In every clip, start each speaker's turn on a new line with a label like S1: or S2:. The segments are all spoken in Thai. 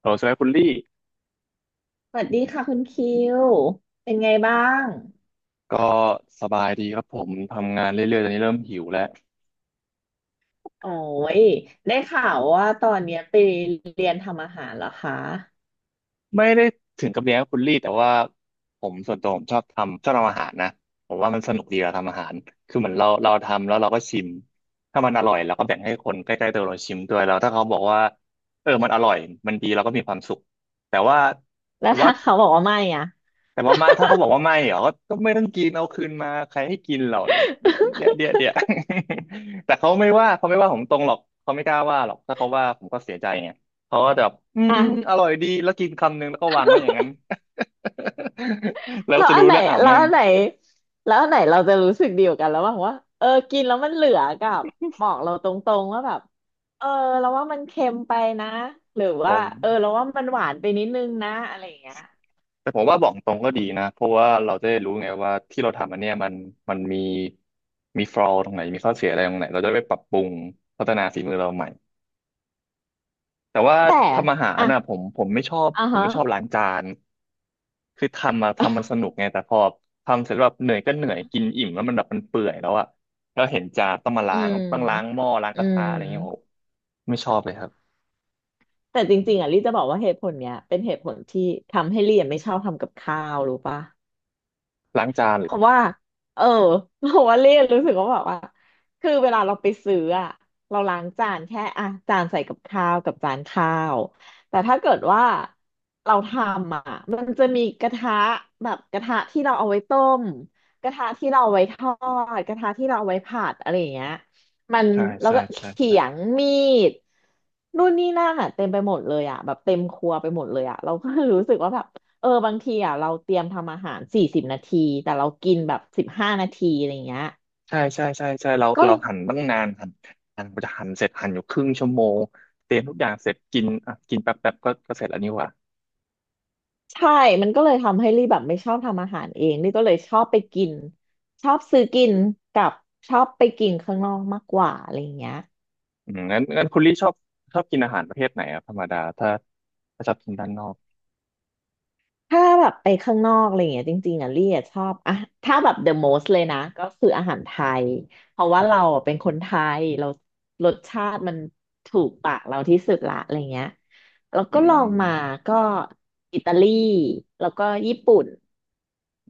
S1: โหลสวัสดีคุณลี่
S2: สวัสดีค่ะคุณคิว เป็นไงบ้าง
S1: ก็สบายดีครับผมทำงานเรื่อยๆตอนนี้เริ่มหิวแล้ว
S2: โอ้ย ได้ข่าวว่าตอนเนี้ยไปเรียนทำอาหารเหรอคะ
S1: ไม่ได้ถึงกับเลี้ยงคุณลี่แต่ว่าผมส่วนตัวผมชอบทำอาหารนะผมว่ามันสนุกดีเราทำอาหารคือเหมือนเราทำแล้วเราก็ชิมถ้ามันอร่อยเราก็แบ่งให้คนใกล้ๆตัวเราชิมด้วยแล้วถ้าเขาบอกว่าเออมันอร่อยมันดีเราก็มีความสุขแต่ว่า
S2: แล้
S1: แต่
S2: ว
S1: ว่า
S2: ถ้าเขาบอกว่าไม่อ่ะ
S1: แต่ว่าไม่ถ้าเขาบอกว่าไม่เหรอก็ไม่ต้องกินเอาคืนมาใครให้กินเราเนี่ยเดี๋ยว แต่เขาไม่ว่าผมตรงหรอกเขาไม่กล้าว่าหรอกถ้าเขาว่าผมก็เสียใจไงเขาก็จะแบบอืม อืมอ
S2: อ่ะ
S1: ร่อยดีแล้วกินคำนึงแล้วก็วางไว้อย่างนั้น แล้ว
S2: แล้ว
S1: จะ
S2: อัน
S1: รู้
S2: ไหน
S1: แล้วอ้าว
S2: แล้ว
S1: แม่ง
S2: อันไหนแล้วอันไหนเราจะรู้สึกดีกว่ากันระหว่างว่า เออ กินแล้วมันเหลือกับบอกเราตรงๆว่าแบบเออเราว่ามันเค็มไปนะ หรือ
S1: ผ
S2: ว่า
S1: ม
S2: เออเราว่ามันหวานไปนิดนึงนะอะไรอย่างเงี้ย
S1: แต่ผมว่าบอกตรงก็ดีนะเพราะว่าเราจะได้รู้ไงว่าที่เราทำอันเนี้ยมันมันมีมีฟอลอตรงไหนมีข้อเสียอะไรตรงไหนเราจะได้ไปปรับปรุงพัฒนาฝีมือเราใหม่ แต่ว่า
S2: แต่
S1: ทำอาหาร
S2: อ่ะ
S1: น่ะผมไม่ชอบ
S2: อ่ะฮะ
S1: ล้างจานคือทำมาทำมันสนุกไงแต่พอทำเสร็จแล้วแบบเหนื่อยก็เหนื่อยกินอิ่มแล้วมันแบบมันเปื่อยแล้วอะแล้วเห็นจานต้องมา
S2: อื
S1: ล้าง
S2: ม
S1: หม้อล้าง
S2: อื
S1: กระ
S2: ม
S1: ทะอะไรเงี้ยโอ้ไม่ชอบเลยครับ
S2: แต่จริงๆอ่ะลี่จะบอกว่าเหตุผลเนี้ย เป็นเหตุผลที่ทำให้ลี่อะไม่ชอบทำกับข้าวรู้ปะ
S1: ล้างจานเหร
S2: เพ
S1: อ
S2: ราะว่าเออ เพราะว่าเล่นรู้สึกว่าแบบว่าคือเวลาเราไปซื้ออะเราล้างจานแค่อ่ะจานใส่กับข้าวกับจานข้าวแต่ถ้าเกิดว่าเราทำอ่ะมันจะมีกระทะแบบกระทะที่เราเอาไว้ต้มกระทะที่เราเอาไว้ทอดกระทะที่เราเอาไว้ผัดอะไรอย่างเงี้ยมัน
S1: ใช่
S2: แล้ว
S1: ใช่
S2: ก็เข
S1: ใช่
S2: ี
S1: ใช่
S2: ยงมีดนู่นนี่นั่นอ่ะเต็มไปหมดเลยอ่ะแบบเต็มครัวไปหมดเลยอ่ะเราก็ รู้สึกว่าแบบ เออบางทีอ่ะเราเตรียมทำอาหาร40 นาทีแต่เรากินแบบ15 นาทีอะไรเงี้ย
S1: ใช่ใช่ใช่ใช่เรา
S2: ก็
S1: เราหั่นตั้งนานหั่นกว่าจะหั่นเสร็จหั่นอยู่ครึ่งชั่วโมงเตรียมทุกอย่างเสร็จกินอ่ะกินแป๊บแป๊บก็เสร็จแล้วนี่หว่า
S2: ใช่มันก็เลยทำให้ลี่แบบไม่ชอบทำอาหารเองลี่ก็เลยชอบไปกินชอบซื้อกินกับชอบไปกินข้างนอกมากกว่าอะไรเงี้ย
S1: อืมงั้นคุณลี่ชอบกินอาหารประเภทไหนอะธรรมดาถ้าชอบกินด้านนอก
S2: ถ้าแบบไปข้างนอกอะไรอย่างเงี้ยจริงๆอ่ะลี่อะชอบอ่ะถ้าแบบ the most เลยนะก็คืออาหารไทยเพราะว่าเราอะเป็นคนไทยเรารสชาติมันถูกปากเราที่สุดละอะไรเงี้ยแล้ว
S1: อื
S2: ก็ลอง
S1: ม
S2: มาก็อิตาลีแล้วก็ญี่ปุ่น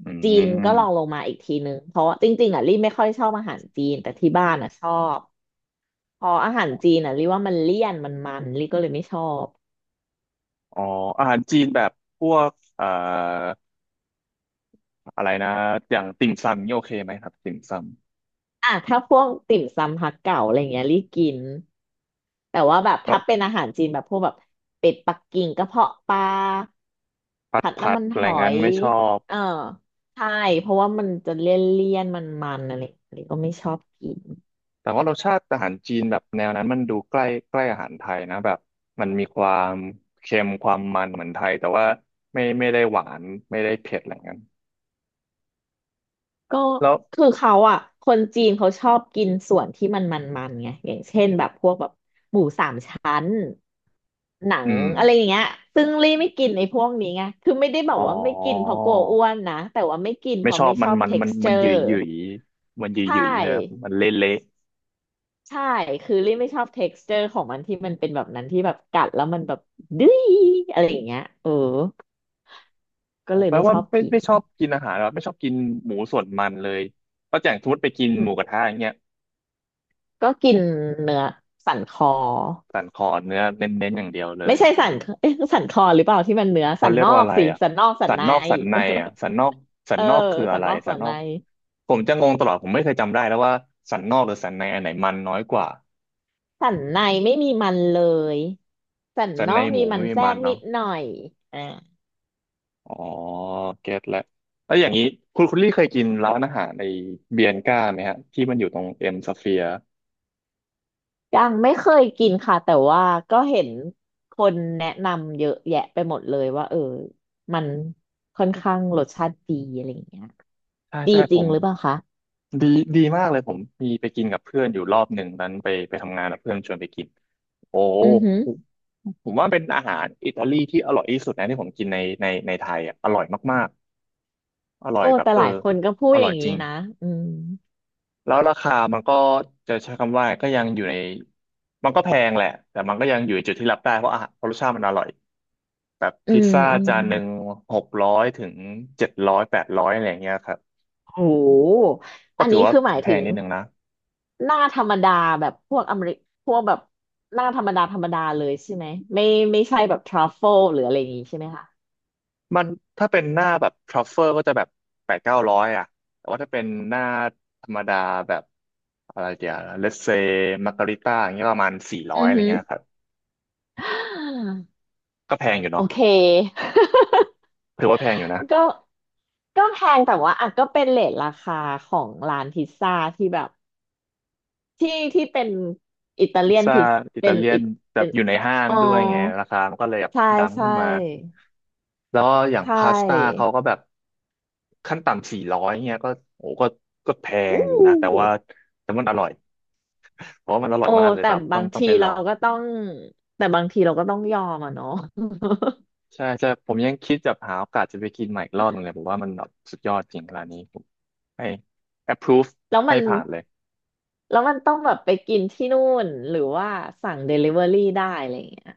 S1: อื
S2: จีนก็ลองล
S1: ม
S2: งมาอีกทีนึงเพราะว่าจริงๆอ่ะลี่ไม่ค่อยชอบอาหารจีนแต่ที่บ้านอ่ะชอบพออาหารจีนอ่ะลี่ว่ามันเลี่ยนมันลี่ก็เลยไม่ชอบ
S1: อ๋ออาหารจีนแบบพวกอะไรนะอย่างติ่มซำนี่โอเคไหมครับติ่มซ
S2: อ่ะถ้าพวกติ่มซำฮักเก๋าอะไรเงี้ยรีบกินแต่ว่าแบบ
S1: ำก็
S2: ถ้าเป็นอาหารจีนแบบพวกแบบเป็ดปักกิ่งกระเพาะปลา
S1: ผัด
S2: ผัด
S1: ผั
S2: น้ำ
S1: ด
S2: มัน
S1: อะ
S2: ห
S1: ไร
S2: อ
S1: งั้น
S2: ย
S1: ไม่ชอบ
S2: เออใช่เพราะว่ามันจะเลี่ยนเลี่ยนมันมันๆอะไรอะไรก็ไม่ชอบกิน
S1: แต่ว่ารสชาติอาหารจีนแบบแนวนั้นมันดูใกล้ใกล้อาหารไทยนะแบบมันมีความเค็มความมันเหมือนไทยแต่ว่าไม่ได้หวานไม่ได้เผ็ดอะไรงั้น
S2: ก็
S1: แล้ว
S2: คือเขาอ่ะคนจีนเขาชอบกินส่วนที่มันมันไงอย่างเช่นแบบพวกแบบ ชั้นหนั
S1: อื
S2: ง
S1: ม
S2: อะไรอย่างเงี้ยซึ่งลี่ไม่กินไอ้พวกนี้ไงคือไม่ได้แบ
S1: อ๋อ
S2: บว่าไม่กินเพราะกลัวอ้วนนะแต่ว่าไม่กินเพ
S1: ไม่ช
S2: ราะ
S1: อบ
S2: ไม่ช
S1: มัน
S2: อบ
S1: มันมันมันหยุ
S2: texture
S1: ยหยุยมันหยุย
S2: ใช
S1: หยุยใช่ไหมครับ
S2: ่
S1: มันเละเละ
S2: ใช่คือลี่ไม่ชอบ texture ของมันที่มันเป็นแบบนั้นที่แบบกัดแล้วมันแบบดื้ยอะไรอย่างเงี้ยเออก็เลย
S1: แปล
S2: ไม่
S1: ว่า
S2: ชอบ
S1: ไม่
S2: กิน
S1: ไม่ชอบกินอาหารหรอไม่ชอบกินหมูส่วนมันเลยป้าแจ่งสมมติไปกิน
S2: อื
S1: หมูกระ
S2: ม
S1: ทะอย่างเงี้ย
S2: ก็กินเนื้อสันคอ
S1: สันคอเนื้อเน้นๆอย่างเดียวเล
S2: ไม่
S1: ย
S2: ใช่สันเอ๊ะสันคอหรือเปล่าที่มันเนื้อสั
S1: เขา
S2: น
S1: เรีย
S2: น
S1: ก
S2: อ
S1: ว่า
S2: ก
S1: อะไร
S2: สิ
S1: อ่ะ
S2: สันนอกสั
S1: สั
S2: น
S1: น
S2: ใน
S1: นอกสันในอ่ะสันนอก
S2: เออ
S1: คือ
S2: สั
S1: อะ
S2: น
S1: ไร
S2: นอก
S1: สั
S2: สั
S1: น
S2: น
S1: นอ
S2: ใน
S1: กผมจะงงตลอดผมไม่เคยจำได้แล้วว่าสันนอกหรือสันในอันไหนมันน้อยกว่า
S2: สันในไม่มีมันเลยสัน
S1: สัน
S2: นอ
S1: ใน
S2: ก
S1: ห
S2: มี
S1: มู
S2: มั
S1: ไม่
S2: น
S1: มี
S2: แทร
S1: มัน
S2: กนิ
S1: เนาะ
S2: ดหน่อยอ่า
S1: อ๋อเก็ตแล้วแล้วอย่างนี้คุณลี่เคยกินร้านอาหารในเบียนก้าไหมฮะที่มันอยู่ตรงเอ็มสเฟียร์
S2: ยังไม่เคยกินค่ะแต่ว่าก็เห็นคนแนะนำเยอะแยะไปหมดเลยว่าเออมันค่อนข้างรสชาติดีอะไรอย่างเงี้ย
S1: ใช่
S2: ดี
S1: ใช่
S2: จ
S1: ผ
S2: ริง
S1: ม
S2: หรือเปล่าคะ
S1: ดีดีมากเลยผมมีไปกินกับเพื่อนอยู่รอบหนึ่งนั้นไปทำงานกับเพื่อนชวนไปกินโอ้
S2: อือหือ
S1: ผมผมว่าเป็นอาหารอิตาลีที่อร่อยที่สุดนะที่ผมกินในไทยอ่ะอร่อยมากๆอร่อ
S2: โอ้
S1: ยแบบ
S2: แต่
S1: เอ
S2: ห
S1: อ
S2: ลายคนก็พูด
S1: อ
S2: อ
S1: ร่อ
S2: ย่า
S1: ย
S2: ง
S1: จ
S2: นี้
S1: ริง
S2: นะอืม
S1: แล้วราคามันก็จะใช้คำว่าก็ยังอยู่ในมันก็แพงแหละแต่มันก็ยังอยู่ในจุดที่รับได้เพราะอาหารเพราะรสชาติมันอร่อยแบบ
S2: อื
S1: พิซ
S2: ม
S1: ซ่า
S2: อืม
S1: จานหนึ่ง600ถึง700800อะไรอย่างเงี้ยครับ
S2: โห
S1: ก็
S2: อัน
S1: ถือ
S2: นี้
S1: ว่า
S2: คือหมาย
S1: แพ
S2: ถึ
S1: ง
S2: ง
S1: นิดนึงนะ
S2: หน้าธรรมดาแบบพวกอเมริพวกแบบหน้าธรรมดาเลยใช่ไหมไม่ไม่ใช่แบบทรัฟเฟิลหรืออะไรอย่างงี้ใช่ไหมคะ
S1: มันถ้าเป็นหน้าแบบทรัฟเฟอร์ก็จะแบบ800-900อ่ะแต่ว่าถ้าเป็นหน้าธรรมดาแบบอะไรเดียวเลสเซมาการิต้าอย่างเงี้ยประมาณสี่ร้อ
S2: อื
S1: ย
S2: อ
S1: อะไร
S2: ฮึ
S1: เงี้ยครับก็แพงอยู่
S2: โอ
S1: เนาะ
S2: เค
S1: ถือว่าแพงอยู่นะ
S2: ก็ก็แพงแต่ว่าอ่ะก็เป็นเรทราคาของร้านพิซซ่าที่แบบที่เป็นอิตา
S1: พิ
S2: เลี
S1: ซ
S2: ยน
S1: ซ่า
S2: พิซ
S1: อิตา
S2: เป็น
S1: เลีย
S2: อิ
S1: น
S2: ต
S1: แบ
S2: เป็
S1: บ
S2: น
S1: อยู่ในห้าง
S2: อ๋อ
S1: ด้วยไงราคามันก็เลยแบบ
S2: ใช่
S1: ดัง
S2: ใช่
S1: ขึ้นมาแล้วอย่า
S2: ใช
S1: งพาสต้า
S2: ่
S1: เขาก็แบบขั้นต่ำสี่ร้อยเงี้ยก็โอ้ก็แพง
S2: อู้
S1: อยู่นะแต่ว่าแต่มันอร่อยเพราะว่ามันอร่อย
S2: โอ้
S1: มากเลย
S2: แต่
S1: ครับต้
S2: บา
S1: อง
S2: ง
S1: ต้อง
S2: ที
S1: ไปล
S2: เรา
S1: อง
S2: ก็ต้องแต่บางทีเราก็ต้องยอมอ่ะเนาะ
S1: ใช่ใช่ผมยังคิดจะหาโอกาสจะไปกินใหม่อีกรอบหนึงเลยผมว่ามันแบบสุดยอดจริงร้านนี้ผมให้ approve
S2: แล้ว
S1: ให้
S2: มัน
S1: ผ่านเลย
S2: แล้วมันต้องแบบไปกินที่นู่นหรือว่าสั่งเดลิเวอรี่ได้อะไรอย่างเงี้ย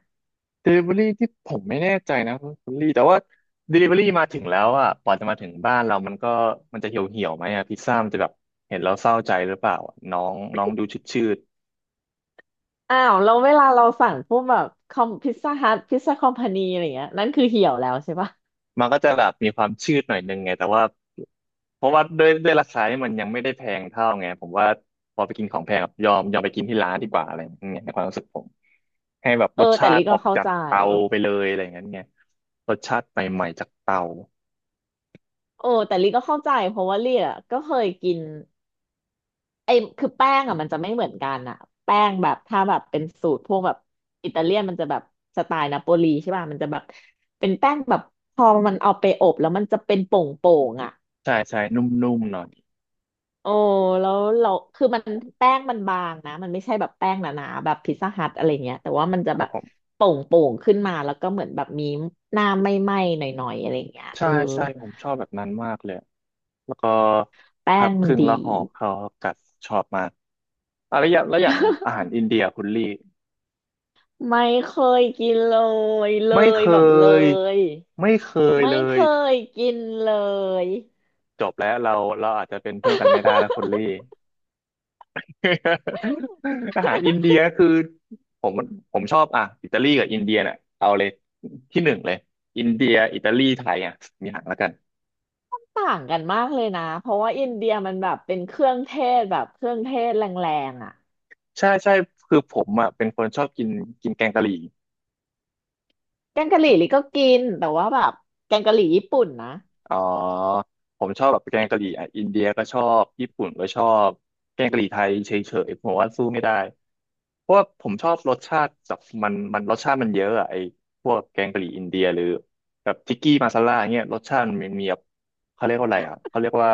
S1: delivery ที่ผมไม่แน่ใจนะคุณลี่แต่ว่า delivery มาถึงแล้วอ่ะกว่าจะมาถึงบ้านเรามันก็มันจะเหี่ยวเหี่ยวไหมอ่ะพิซซ่ามันจะแบบเห็นเราเศร้าใจหรือเปล่าอะน้องน้องดูชืดชืด
S2: อ้าวแล้วเวลาเราสั่งพวกแบบคอมพิซซ่าฮัทพิซซ่าคอมพานีอะไรเงี้ยนั่นคือเหี่ยวแล้วใช่ปะ
S1: มันก็จะแบบมีความชืดหน่อยนึงไงแต่ว่า เพราะว่าด้วยราคาที่มันยังไม่ได้แพงเท่าไงผมว่าพอไปกินของแพงอะยอมไปกินที่ร้านดีกว่าอะไรอย่างเงี้ยในความรู้สึกผมให้แบบ
S2: เอ
S1: ร
S2: อ
S1: ส
S2: แต่
S1: ชา
S2: ลิ
S1: ติอ
S2: ก็
S1: อก
S2: เข้า
S1: จาก
S2: ใจ
S1: เตาไปเลยอะไรอย่างเงี้ยเนี่ยรสชาติใหม่ๆจากเตา
S2: โอ้แต่ลิก็เข้าใจเพราะว่าลิอ่ะก็เคยกินไอ้คือแป้งอ่ะมันจะไม่เหมือนกันอ่ะแป้งแบบถ้าแบบเป็นสูตรพวกแบบอิตาเลียนมันจะแบบสไตล์นาโปลีใช่ป่ะมันจะแบบเป็นแป้งแบบพอมันเอาไปอบแล้วมันจะเป็นโป่งๆอ่ะ
S1: ใช่ใช่นุ่มๆหน่อย
S2: โอ้แล้วเราคือมันแป้งมันบางนะมันไม่ใช่แบบแป้งหนาๆแบบพิซซ่าฮัทอะไรเงี้ยแต่ว่ามันจะ
S1: ครั
S2: แบ
S1: บ
S2: บ
S1: ผม
S2: โป่งๆขึ้นมาแล้วก็เหมือนแบบมีหน้าไหม้ๆหน่อยๆอะไรเงี้ยเอ
S1: ใช่
S2: อ
S1: ใช่ผมชอบแบบนั้นมากเลยแล้วก็
S2: แป้
S1: พั
S2: ง
S1: บค
S2: มัน
S1: รึ่งแล้
S2: ดี
S1: วห่อเขาวกัดชอบมากอะไรอย่างแล้วอย่างอาหารอินเดียคุณลี่
S2: ไม่เคยกินเลยเล
S1: ไม่เค
S2: ยแบบเล
S1: ย
S2: ย
S1: ไม่เคย
S2: ไม่
S1: เล
S2: เค
S1: ย
S2: ยกินเลย
S1: จบแล้วเราอาจจะเป็นเพื่อนกันไม่ได้แล้วคุณลี่ อาหารอินเดียคือผมผมชอบอ่ะอิตาลีกับอินเดียเนี่ยเอาเลยที่หนึ่งเลยอินเดียอิตาลีไทยอ่ะมีอย่างแล้วกัน
S2: ต่างกันมากเลยนะเพราะว่าอินเดียมันแบบเป็นเครื่องเทศแบบเครื่องเทศแรงๆอ่ะ
S1: ใช่ใช่คือผมอ่ะเป็นคนชอบกินกินแกงกะหรี่
S2: แกงกะหรี่ลิก็กินแต่ว่าแบบแกงกะหรี่ญี่ปุ่นนะ
S1: อ๋อผมชอบแบบแกงกะหรี่อ่ะอินเดียก็ชอบญี่ปุ่นก็ชอบแกงกะหรี่ไทยเฉยๆผมว่าสู้ไม่ได้เพราะว่าผมชอบรสชาติแบบมันรสชาติมันเยอะอะไอ้พวกแกงกะหรี่อินเดียหรือแบบทิกกี้มาซาล่าเงี้ยรสชาติมันมีแบบเขาเรียกว่าอะไรอ่ะเขาเรียกว่า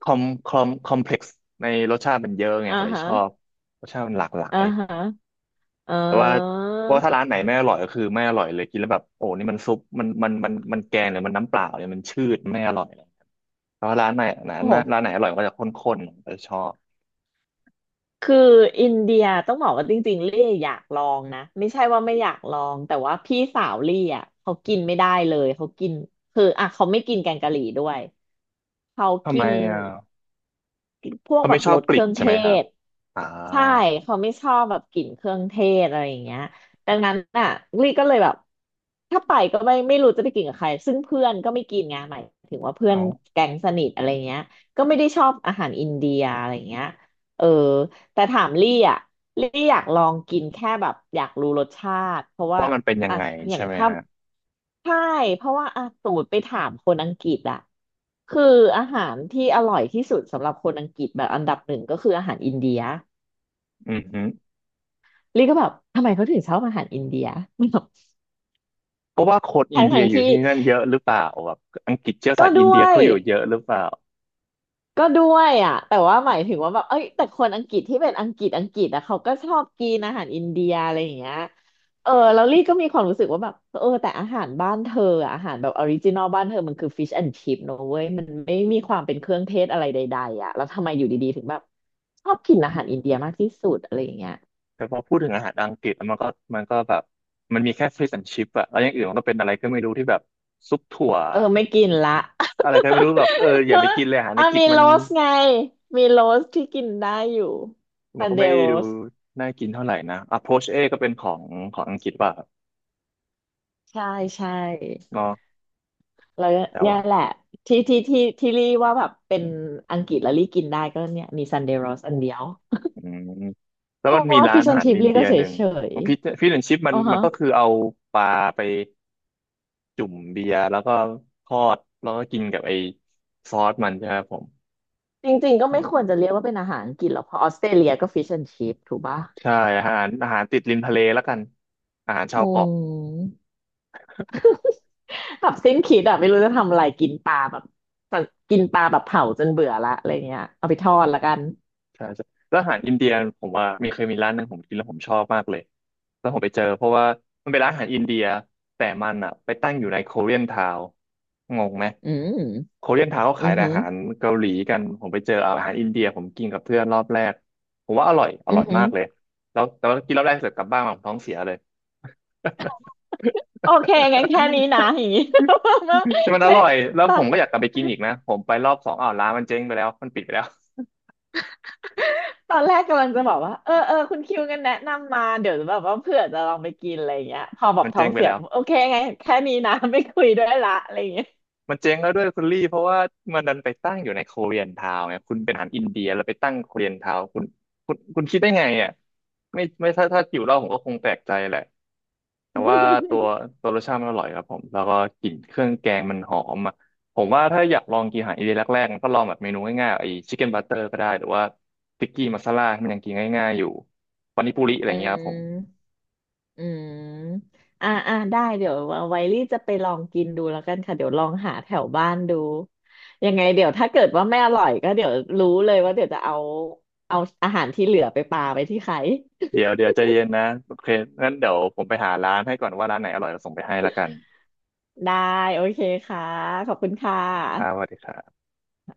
S1: คอมคอมเพล็กซ์ในรสชาติมันเยอะไง
S2: อ่า
S1: ผมเลย
S2: ฮะ
S1: ชอบรสชาติมันหลากหลา
S2: อ่า
S1: ย
S2: ฮะเอ
S1: แต่ว่า
S2: อ
S1: เพราะว่าถ้าร้านไหนไม่อร่อยก็คือไม่อร่อยเลยกินแล้วแบบโอ้นี่มันซุปมันแกงหรือมันน้ำเปล่าเนี่ยมันชืดไม่อร่อยเลยแต่ว่าร้านไหนร้าน
S2: โอ้โห
S1: ร้านไหนอร่อยก็จะข้นๆผมจะชอบ
S2: คืออินเดียต้องบอกว่าจริงๆลี่อยากลองนะ ไม่ใช่ว่าไม่อยากลอง แต่ว่าพี่สาวลี่อ่ะเขากินไม่ได้เลย เขากินคืออ่ะเขาไม่กินแกงกะหรี่ด้วย เขา
S1: ทำ
S2: กิ
S1: ไม
S2: น
S1: อ่ะ
S2: พวก
S1: เขา
S2: แบ
S1: ไม่
S2: บ
S1: ชอ
S2: ร
S1: บ
S2: ส
S1: ก
S2: เค
S1: ลิ่
S2: รื่
S1: น
S2: อง
S1: ใช่
S2: เท
S1: ไหมครับ
S2: ศ
S1: อ่า
S2: ใช่เขาไม่ชอบแบบกลิ่นเครื่องเทศอะไรอย่างเงี้ยดังนั้นอ่ะลี่ก็เลยแบบถ้าไปก็ไม่รู้จะไปกินกับใครซึ่งเพื่อนก็ไม่กินไงหมายถึงว่าเพื่อน
S1: เอา
S2: แก๊งสนิทอะไรเงี้ยก็ไม่ได้ชอบอาหารอินเดียอะไรเงี้ยเออแต่ถามลี่อ่ะลี่อยากลองกินแค่แบบอยากรู้รสชาติเพราะว่า
S1: ว่ามันเป็นยัง
S2: อ่ะ
S1: ไง
S2: อ
S1: ใช่
S2: ย่าง
S1: ไหม
S2: ถ้า
S1: ฮะ
S2: ใช่เพราะว่าอ่ะสมมติไปถามคนอังกฤษอะคืออาหารที่อร่อยที่สุดสำหรับคนอังกฤษแบบอันดับหนึ่งก็คืออาหารอินเดีย
S1: อือฮึ
S2: ลี่ก็แบบทำไมเขาถึงชอบอาหารอินเดีย แบบ
S1: เพราะว่าคนอิ
S2: ทั้
S1: น
S2: งท
S1: เดีย
S2: ง
S1: อยู่
S2: ที่
S1: ที่นั่นเยอะหรือเปล่าแบบอังกฤษเชื้อสา
S2: ก็
S1: ยอิน
S2: ด้
S1: เดี
S2: ว
S1: ย
S2: ย
S1: เขาอยู่เยอะหรือเปล่า
S2: ก็ด้วยอ่ะแต่ว่าหมายถึงว่าแบบเอ้ยแต่คนอังกฤษที่เป็นอังกฤษอังกฤษอ่ะเขาก็ชอบกินอาหารอินเดียอะไรอย่างเงี้ยเออแล้วลี่ก็มีความรู้สึกว่าแบบเออแต่อาหารบ้านเธออะอาหารแบบออริจินอลบ้านเธอมันคือฟิชแอนด์ชิ p เนอะเว้ยมันไม่มีความเป็นเครื่องเทศอะไรใดๆอ่ะแล้วทำไมอยู่ดีๆถึงแบบชอบกินอาหารอินเดียมากที่สุดอะไรอย่างเงี้ย
S1: แต่พอพูดถึงอาหารอังกฤษแล้วมันก็แบบมันมีแค่ fish and chip อะแล้วอย่างอื่นมันก็เป็นอะไรก็ไม่รู้ที่แบบซุปถั่ว
S2: เออไม่กินละ
S1: อะไรก็ไม่รู้แบบเออ อย่า
S2: เน
S1: ไป
S2: อะ
S1: กินเลยอาหารใน
S2: อ่ะ
S1: กิจ
S2: มี
S1: มัน
S2: โรสไงมีโรสที่กินได้อยู่
S1: มั
S2: ซั
S1: น
S2: น
S1: ก็
S2: เด
S1: ไม่
S2: ย์โร
S1: ดู
S2: ส
S1: น่ากินเท่าไหร่นะ Approach A ก็เป็นของอังกฤษป่ะครับ
S2: ใช่ใช่
S1: เนาะ
S2: แล้วเ
S1: แล้ว
S2: นี่ย
S1: อ่ะ
S2: แหละที่รี่ว่าแบบเป็นอังกฤษแล้วรี่กินได้ก็เนี่ยมีซันเดย์โรสอันเดียว
S1: อืมแล้ว
S2: เพ
S1: มัน
S2: ราะ
S1: มี
S2: ว่า
S1: ร้า
S2: ฟิ
S1: น
S2: ชแอ
S1: อา
S2: น
S1: หาร
S2: ชิพ
S1: อิน
S2: รี่
S1: เดี
S2: ก็
S1: ย
S2: เฉ
S1: ห
S2: ย
S1: นึ่ง
S2: เฉย
S1: ฟิชแอนชิปมั
S2: อ๋
S1: น
S2: อ
S1: มั
S2: ฮะ
S1: นก็คือเอาปลาไปจุ่มเบียร์แล้วก็ทอดแล้วก็กินกับไอ้ซอสมันใช่ไหมครับผม
S2: จริงๆก็ไม่ควรจะเรียกว่าเป็นอาหารอังกฤษหรอกเพราะออสเตรเลียก็ฟิชแอนชิพถูกปะ
S1: ใช่อาหารติดริมทะเลแล้วกันอาหารชา
S2: อื
S1: วเกาะ
S2: มแบบสิ้นคิดอะไม่รู้จะทำอะไรกินปลาแบบกินปลาแบบเผาจนเบื่อละอะไรเงี้ยเอาไปทอดละกัน
S1: ใช่ใช่แล้วอาหารอินเดียผมว่ามีเคยมีร้านหนึ่งผมกินแล้วผมชอบมากเลยแล้วผมไปเจอเพราะว่ามันเป็นร้านอาหารอินเดียแต่มันอ่ะไปตั้งอยู่ในโคเรียนทาวงงไหม
S2: อืม
S1: โคเรียนทาวเขา
S2: อื
S1: ขาย
S2: อ
S1: แต่
S2: หื
S1: อา
S2: อ
S1: หารเกาหลีกันผมไปเจออาหารอินเดียผมกินกับเพื่อนรอบแรกผมว่าอร่อย
S2: อือหื
S1: มา
S2: อ
S1: กเลยแล้วแต่ว่ากินรอบแรกเสร็จกลับบ้านมาผมท้องเสียเลย
S2: โอเคงั้นแค่นี้นะอย่างงี้ ไม่
S1: แต่มันอ
S2: ไม่
S1: ร่อยแล้ว
S2: ตา
S1: ผมก็อยากกลับไปกินอีกนะผมไปรอบสองอ้าวร้านมันเจ๊งไปแล้วมันปิดไปแล้ว
S2: ตอนแรกกำลังจะบอกว่าเออเออคุณคิวกันแนะนำมาเดี๋ยวแบบว่าเผื่อจะลองไปกินอะไรอย่างเงี้ยพอแบบ
S1: มัน
S2: ท้อ
S1: เจ๊
S2: ง
S1: งไป
S2: เสีย
S1: แล้ว
S2: ผมโอเคไงแค่นี้นะ ไม่คุยด้วยละอะไรอย่างเงี้ย
S1: มันเจ๊งแล้วด้วยคุณลี่เพราะว่ามันดันไปตั้งอยู่ในโคเรียนทาวน์ไงคุณเป็นอาหารอินเดียแล้วไปตั้งโคเรียนทาวน์คุณคิดได้ไงอ่ะไม่ถ้าหิวเหล้าผมก็คงแปลกใจแหละแต่ว่าตัว ตัวรสชาติมันอร่อยครับผมแล้วก็กลิ่นเครื่องแกงมันหอมอ่ะผมว่าถ้าอยากลองกินอาหารอินเดียแรกๆมันก็ลองแบบเมนูง่ายๆไอ้ชิคเก้นบัตเตอร์ก็ได้หรือว่าติ๊กกี้มัสซาล่าที่มันยังกินง่ายๆอยู่ปานิปุริอะไร
S2: อื
S1: อย่างเงี้ยครับผม
S2: มอืมอ่าอ่าได้เดี๋ยวไวลี่จะไปลองกินดูแล้วกันค่ะเดี๋ยวลองหาแถวบ้านดูยังไงเดี๋ยวถ้าเกิดว่าไม่อร่อยก็เดี๋ยวรู้เลยว่าเดี๋ยวจะเอาเอาอาหารที่เหลือไปปาไปที่ใคร
S1: เดี๋ยวใจเย็นนะโอเคงั้นเดี๋ยวผมไปหาร้านให้ก่อนว่าร้านไหนอร่อยเราส่งไปให้ละกัน
S2: ได้โอเคค่ะขอบคุณค่ะ
S1: ครับสวัสดีครับ